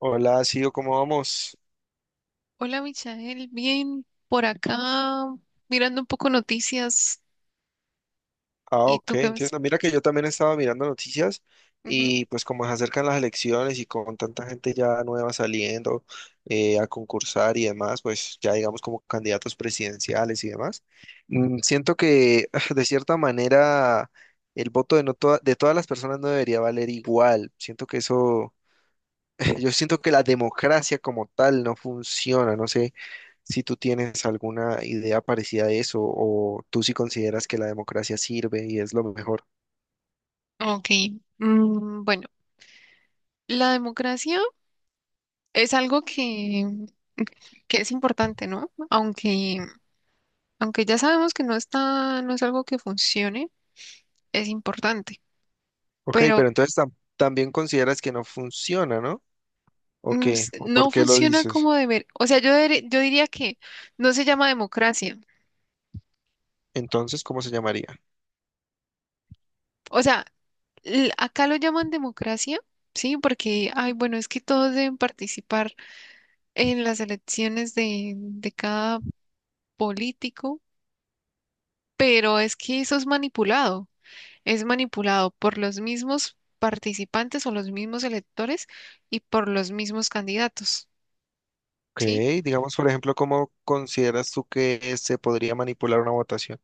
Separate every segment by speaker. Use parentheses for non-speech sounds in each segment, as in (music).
Speaker 1: Hola, Sio, ¿cómo vamos?
Speaker 2: Hola, Michael. Bien, por acá mirando un poco noticias.
Speaker 1: Ah,
Speaker 2: ¿Y
Speaker 1: ok,
Speaker 2: tú qué ves?
Speaker 1: entiendo. Mira que yo también estaba mirando noticias
Speaker 2: Ujú.
Speaker 1: y pues como se acercan las elecciones y con tanta gente ya nueva saliendo a concursar y demás, pues ya digamos como candidatos presidenciales y demás, siento que (laughs) de cierta manera el voto de todas las personas no debería valer igual. Siento que eso, (laughs) yo siento que la democracia como tal no funciona, no sé. Si tú tienes alguna idea parecida a eso o tú sí consideras que la democracia sirve y es lo mejor.
Speaker 2: Ok. Bueno, la democracia es algo que es importante, ¿no? Aunque ya sabemos que no no es algo que funcione, es importante.
Speaker 1: Ok,
Speaker 2: Pero
Speaker 1: pero entonces también consideras que no funciona, ¿no? ¿O qué? ¿O por
Speaker 2: no
Speaker 1: qué lo
Speaker 2: funciona
Speaker 1: dices?
Speaker 2: como deber. O sea, yo diría que no se llama democracia.
Speaker 1: Entonces, ¿cómo se llamaría?
Speaker 2: O sea, acá lo llaman democracia, ¿sí? Porque, ay, bueno, es que todos deben participar en las elecciones de cada político, pero es que eso es manipulado por los mismos participantes o los mismos electores y por los mismos candidatos,
Speaker 1: Ok,
Speaker 2: ¿sí?
Speaker 1: digamos, por ejemplo, ¿cómo consideras tú que se podría manipular una votación?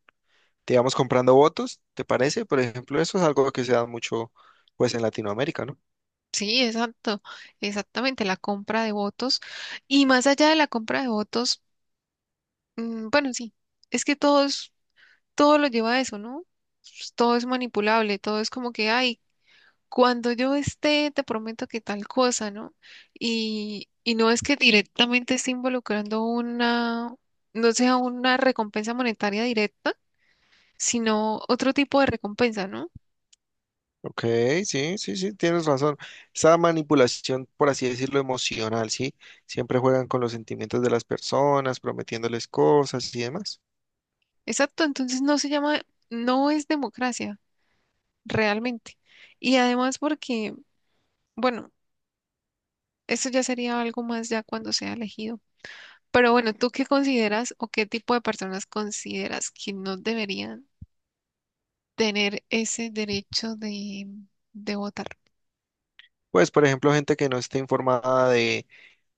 Speaker 1: Digamos, comprando votos, ¿te parece? Por ejemplo, eso es algo que se da mucho, pues, en Latinoamérica, ¿no?
Speaker 2: Sí, exacto, exactamente, la compra de votos. Y más allá de la compra de votos, bueno, sí, es que todo lo lleva a eso, ¿no? Pues todo es manipulable, todo es como que, ay, cuando yo esté, te prometo que tal cosa, ¿no? Y no es que directamente esté involucrando no sea una recompensa monetaria directa, sino otro tipo de recompensa, ¿no?
Speaker 1: Ok, sí, sí, sí, tienes razón. Esa manipulación, por así decirlo, emocional, ¿sí? Siempre juegan con los sentimientos de las personas, prometiéndoles cosas y demás.
Speaker 2: Exacto, entonces no se no es democracia, realmente. Y además porque, bueno, eso ya sería algo más ya cuando sea elegido. Pero bueno, ¿tú qué consideras o qué tipo de personas consideras que no deberían tener ese derecho de votar?
Speaker 1: Pues, por ejemplo, gente que no está informada de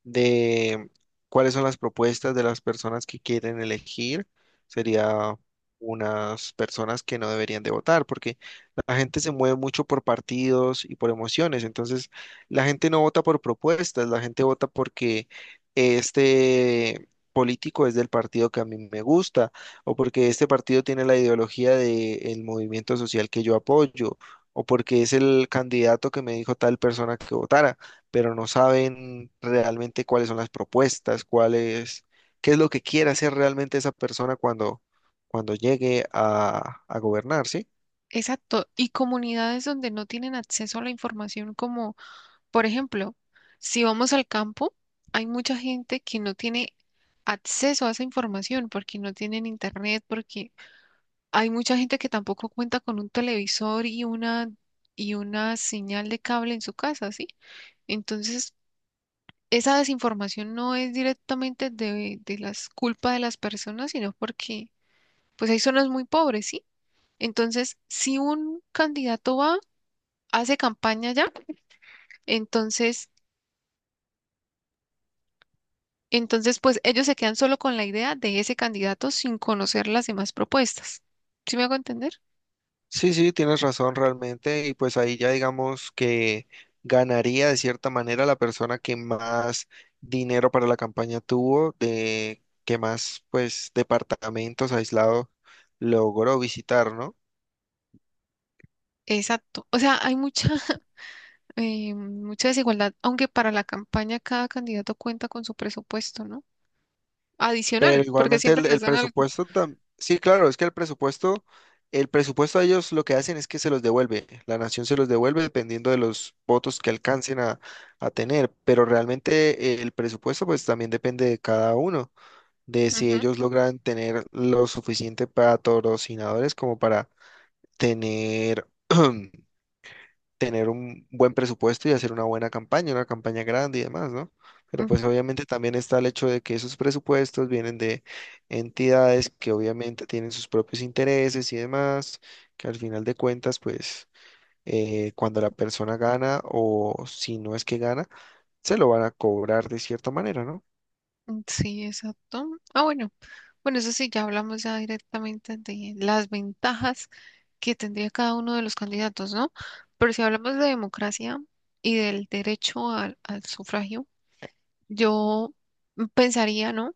Speaker 1: de cuáles son las propuestas de las personas que quieren elegir. Sería unas personas que no deberían de votar, porque la gente se mueve mucho por partidos y por emociones. Entonces, la gente no vota por propuestas, la gente vota porque este político es del partido que a mí me gusta, o porque este partido tiene la ideología del movimiento social que yo apoyo, o porque es el candidato que me dijo tal persona que votara, pero no saben realmente cuáles son las propuestas, cuál es, qué es lo que quiere hacer realmente esa persona cuando llegue a gobernar, ¿sí?
Speaker 2: Exacto, y comunidades donde no tienen acceso a la información, como por ejemplo, si vamos al campo, hay mucha gente que no tiene acceso a esa información porque no tienen internet, porque hay mucha gente que tampoco cuenta con un televisor y una señal de cable en su casa, ¿sí? Entonces, esa desinformación no es directamente de las culpa de las personas, sino porque pues hay zonas muy pobres, ¿sí? Entonces, si un candidato va hace campaña ya, entonces, entonces pues ellos se quedan solo con la idea de ese candidato sin conocer las demás propuestas. ¿Sí me hago entender?
Speaker 1: Sí, sí, tienes razón realmente, y pues ahí ya digamos que ganaría de cierta manera la persona que más dinero para la campaña tuvo, de que más pues departamentos aislados logró visitar, ¿no?
Speaker 2: Exacto. O sea, (laughs) mucha desigualdad, aunque para la campaña cada candidato cuenta con su presupuesto, ¿no?
Speaker 1: Pero
Speaker 2: Adicional, porque
Speaker 1: igualmente
Speaker 2: siempre
Speaker 1: el
Speaker 2: les dan algo.
Speaker 1: presupuesto sí, claro, es que el presupuesto a ellos lo que hacen es que se los devuelve. La nación se los devuelve dependiendo de los votos que alcancen a tener. Pero realmente el presupuesto pues también depende de cada uno, de si
Speaker 2: Ujú,
Speaker 1: ellos logran tener lo suficiente para patrocinadores como para tener (clears throat) tener un buen presupuesto y hacer una buena campaña, una campaña grande y demás, ¿no? Pero pues obviamente también está el hecho de que esos presupuestos vienen de entidades que obviamente tienen sus propios intereses y demás, que al final de cuentas, pues cuando la persona gana o si no es que gana, se lo van a cobrar de cierta manera, ¿no?
Speaker 2: ujú. Sí, exacto. Ah, bueno. Bueno, eso sí, ya hablamos ya directamente de las ventajas que tendría cada uno de los candidatos, ¿no? Pero si hablamos de democracia y del derecho al sufragio, yo pensaría, ¿no?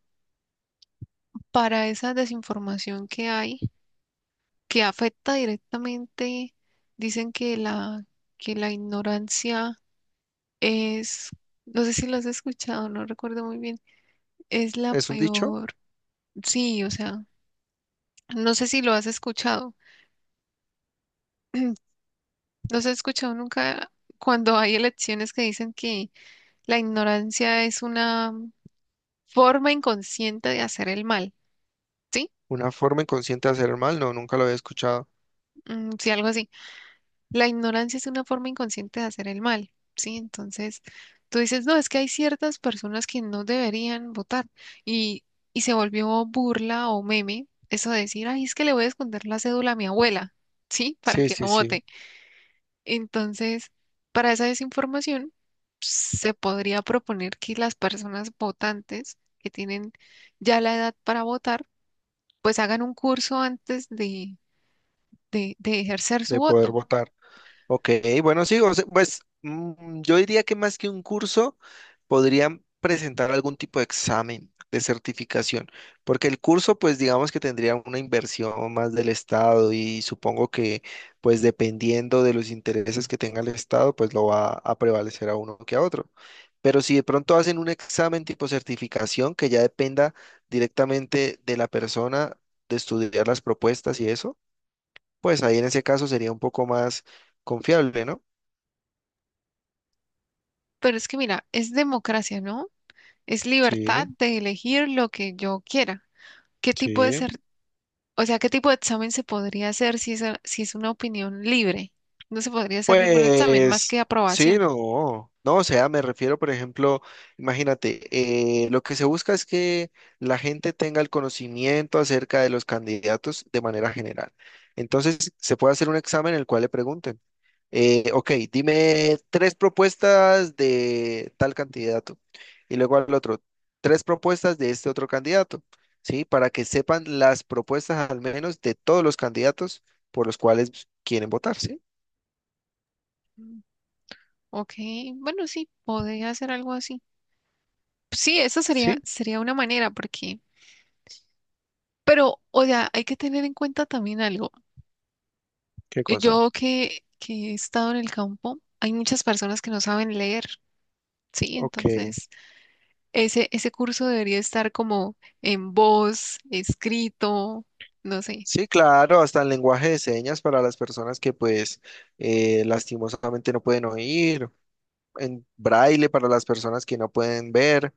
Speaker 2: Para esa desinformación que hay, que afecta directamente, dicen que que la ignorancia es, no sé si lo has escuchado, no recuerdo muy bien, es la
Speaker 1: Es un dicho,
Speaker 2: peor, sí, o sea, no sé si lo has escuchado, (clears throat) no se ha escuchado nunca cuando hay elecciones que dicen que la ignorancia es una forma inconsciente de hacer el mal, ¿sí?
Speaker 1: una forma inconsciente de hacer el mal, no, nunca lo había escuchado.
Speaker 2: Sí, algo así. La ignorancia es una forma inconsciente de hacer el mal, ¿sí? Entonces, tú dices, no, es que hay ciertas personas que no deberían votar y, y se volvió burla o meme eso de decir, ay, es que le voy a esconder la cédula a mi abuela, ¿sí? (laughs) Para
Speaker 1: Sí,
Speaker 2: que
Speaker 1: sí,
Speaker 2: no
Speaker 1: sí,
Speaker 2: vote. Entonces, para esa desinformación, se podría proponer que las personas votantes que tienen ya la edad para votar, pues hagan un curso antes de ejercer su
Speaker 1: de poder
Speaker 2: voto.
Speaker 1: votar. Ok, bueno, sí, o sea, pues yo diría que más que un curso, podrían presentar algún tipo de examen de certificación, porque el curso, pues digamos que tendría una inversión más del Estado y supongo que, pues dependiendo de los intereses que tenga el Estado, pues lo va a prevalecer a uno que a otro. Pero si de pronto hacen un examen tipo certificación que ya dependa directamente de la persona de estudiar las propuestas y eso, pues ahí en ese caso sería un poco más confiable, ¿no?
Speaker 2: Pero es que mira, es democracia, ¿no? Es
Speaker 1: Sí,
Speaker 2: libertad de elegir lo que yo quiera. ¿Qué tipo de
Speaker 1: sí.
Speaker 2: ser, o sea, ¿qué tipo de examen se podría hacer si si es una opinión libre? No se podría hacer ningún examen más
Speaker 1: Pues
Speaker 2: que
Speaker 1: sí,
Speaker 2: aprobación.
Speaker 1: no, no, o sea, me refiero, por ejemplo, imagínate, lo que se busca es que la gente tenga el conocimiento acerca de los candidatos de manera general. Entonces, se puede hacer un examen en el cual le pregunten, ok, dime tres propuestas de tal candidato y luego al otro, tres propuestas de este otro candidato, ¿sí? Para que sepan las propuestas al menos de todos los candidatos por los cuales quieren votar, ¿sí?
Speaker 2: Mm, Ok, bueno, sí, podría hacer algo así. Sí, eso
Speaker 1: Sí.
Speaker 2: sería una manera, porque, pero, o sea, hay que tener en cuenta también algo.
Speaker 1: ¿Qué cosa?
Speaker 2: Yo que he estado en el campo, hay muchas personas que no saben leer, ¿sí?
Speaker 1: Ok.
Speaker 2: Entonces, ese curso debería estar como en voz, escrito, no sé.
Speaker 1: Sí, claro, hasta el lenguaje de señas para las personas que pues lastimosamente no pueden oír, en braille para las personas que no pueden ver,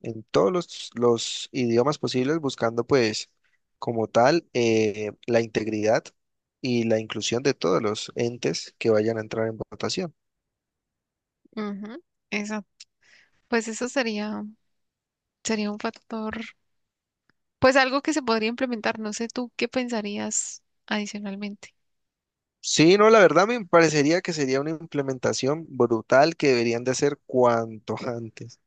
Speaker 1: en todos los idiomas posibles, buscando pues como tal la integridad y la inclusión de todos los entes que vayan a entrar en votación.
Speaker 2: Ujú. Eso, pues eso sería un factor, pues algo que se podría implementar. No sé tú qué pensarías adicionalmente.
Speaker 1: Sí, no, la verdad me parecería que sería una implementación brutal que deberían de hacer cuanto antes.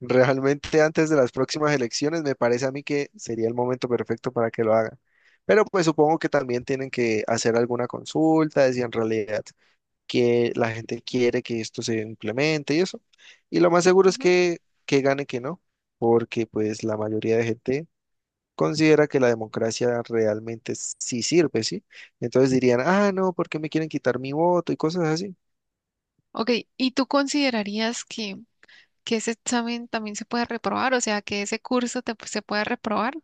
Speaker 1: Realmente antes de las próximas elecciones me parece a mí que sería el momento perfecto para que lo hagan. Pero pues supongo que también tienen que hacer alguna consulta de si en realidad que la gente quiere que esto se implemente y eso. Y lo más seguro es
Speaker 2: Ujú.
Speaker 1: que gane que no, porque pues la mayoría de gente considera que la democracia realmente sí sirve, ¿sí? Entonces dirían, ah, no, ¿por qué me quieren quitar mi voto y cosas así?
Speaker 2: Ok, ¿y tú considerarías que ese examen también se puede reprobar? O sea, que ese se puede reprobar.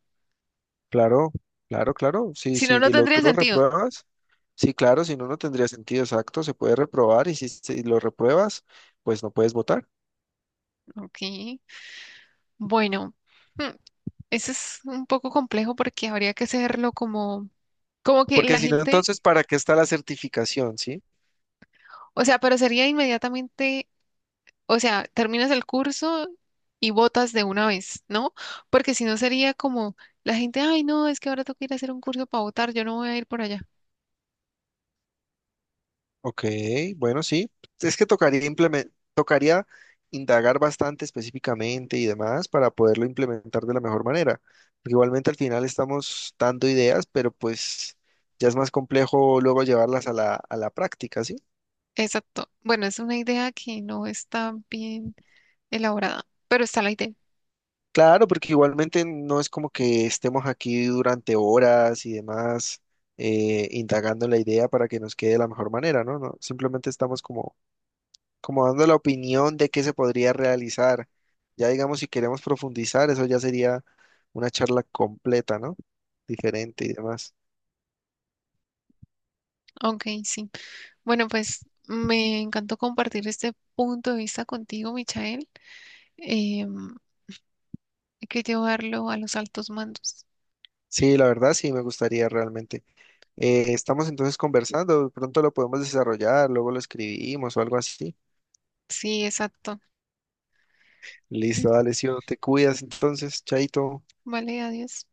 Speaker 1: Claro, claro, claro. Si,
Speaker 2: Si no, no
Speaker 1: si lo,
Speaker 2: tendría
Speaker 1: tú lo
Speaker 2: sentido.
Speaker 1: repruebas, sí, claro, si no, no tendría sentido exacto, se puede reprobar y si lo repruebas, pues no puedes votar.
Speaker 2: Ok. Bueno, hmm, eso es un poco complejo porque habría que hacerlo como, como que la
Speaker 1: Porque si no,
Speaker 2: gente,
Speaker 1: entonces, ¿para qué está la certificación, sí?
Speaker 2: o sea, pero sería inmediatamente, o sea, terminas el curso y votas de una vez, ¿no? Porque si no sería como la gente, ay, no, es que ahora tengo que ir a hacer un curso para votar, yo no voy a ir por allá.
Speaker 1: Ok, bueno, sí. Es que tocaría indagar bastante específicamente y demás para poderlo implementar de la mejor manera. Porque igualmente al final estamos dando ideas, pero pues ya es más complejo luego llevarlas a la práctica, ¿sí?
Speaker 2: Exacto. Bueno, es una idea que no está bien elaborada, pero está la idea.
Speaker 1: Claro, porque igualmente no es como que estemos aquí durante horas y demás indagando en la idea para que nos quede de la mejor manera, ¿no? No, simplemente estamos como dando la opinión de qué se podría realizar. Ya digamos, si queremos profundizar, eso ya sería una charla completa, ¿no? Diferente y demás.
Speaker 2: Ok, sí. Bueno, pues me encantó compartir este punto de vista contigo, Michael. Em, Hay que llevarlo a los altos mandos.
Speaker 1: Sí, la verdad sí me gustaría realmente. Estamos entonces conversando, de pronto lo podemos desarrollar, luego lo escribimos o algo así.
Speaker 2: Sí, exacto.
Speaker 1: Listo,
Speaker 2: (clears throat)
Speaker 1: dale, Sio, te cuidas entonces, chaito.
Speaker 2: Vale, adiós.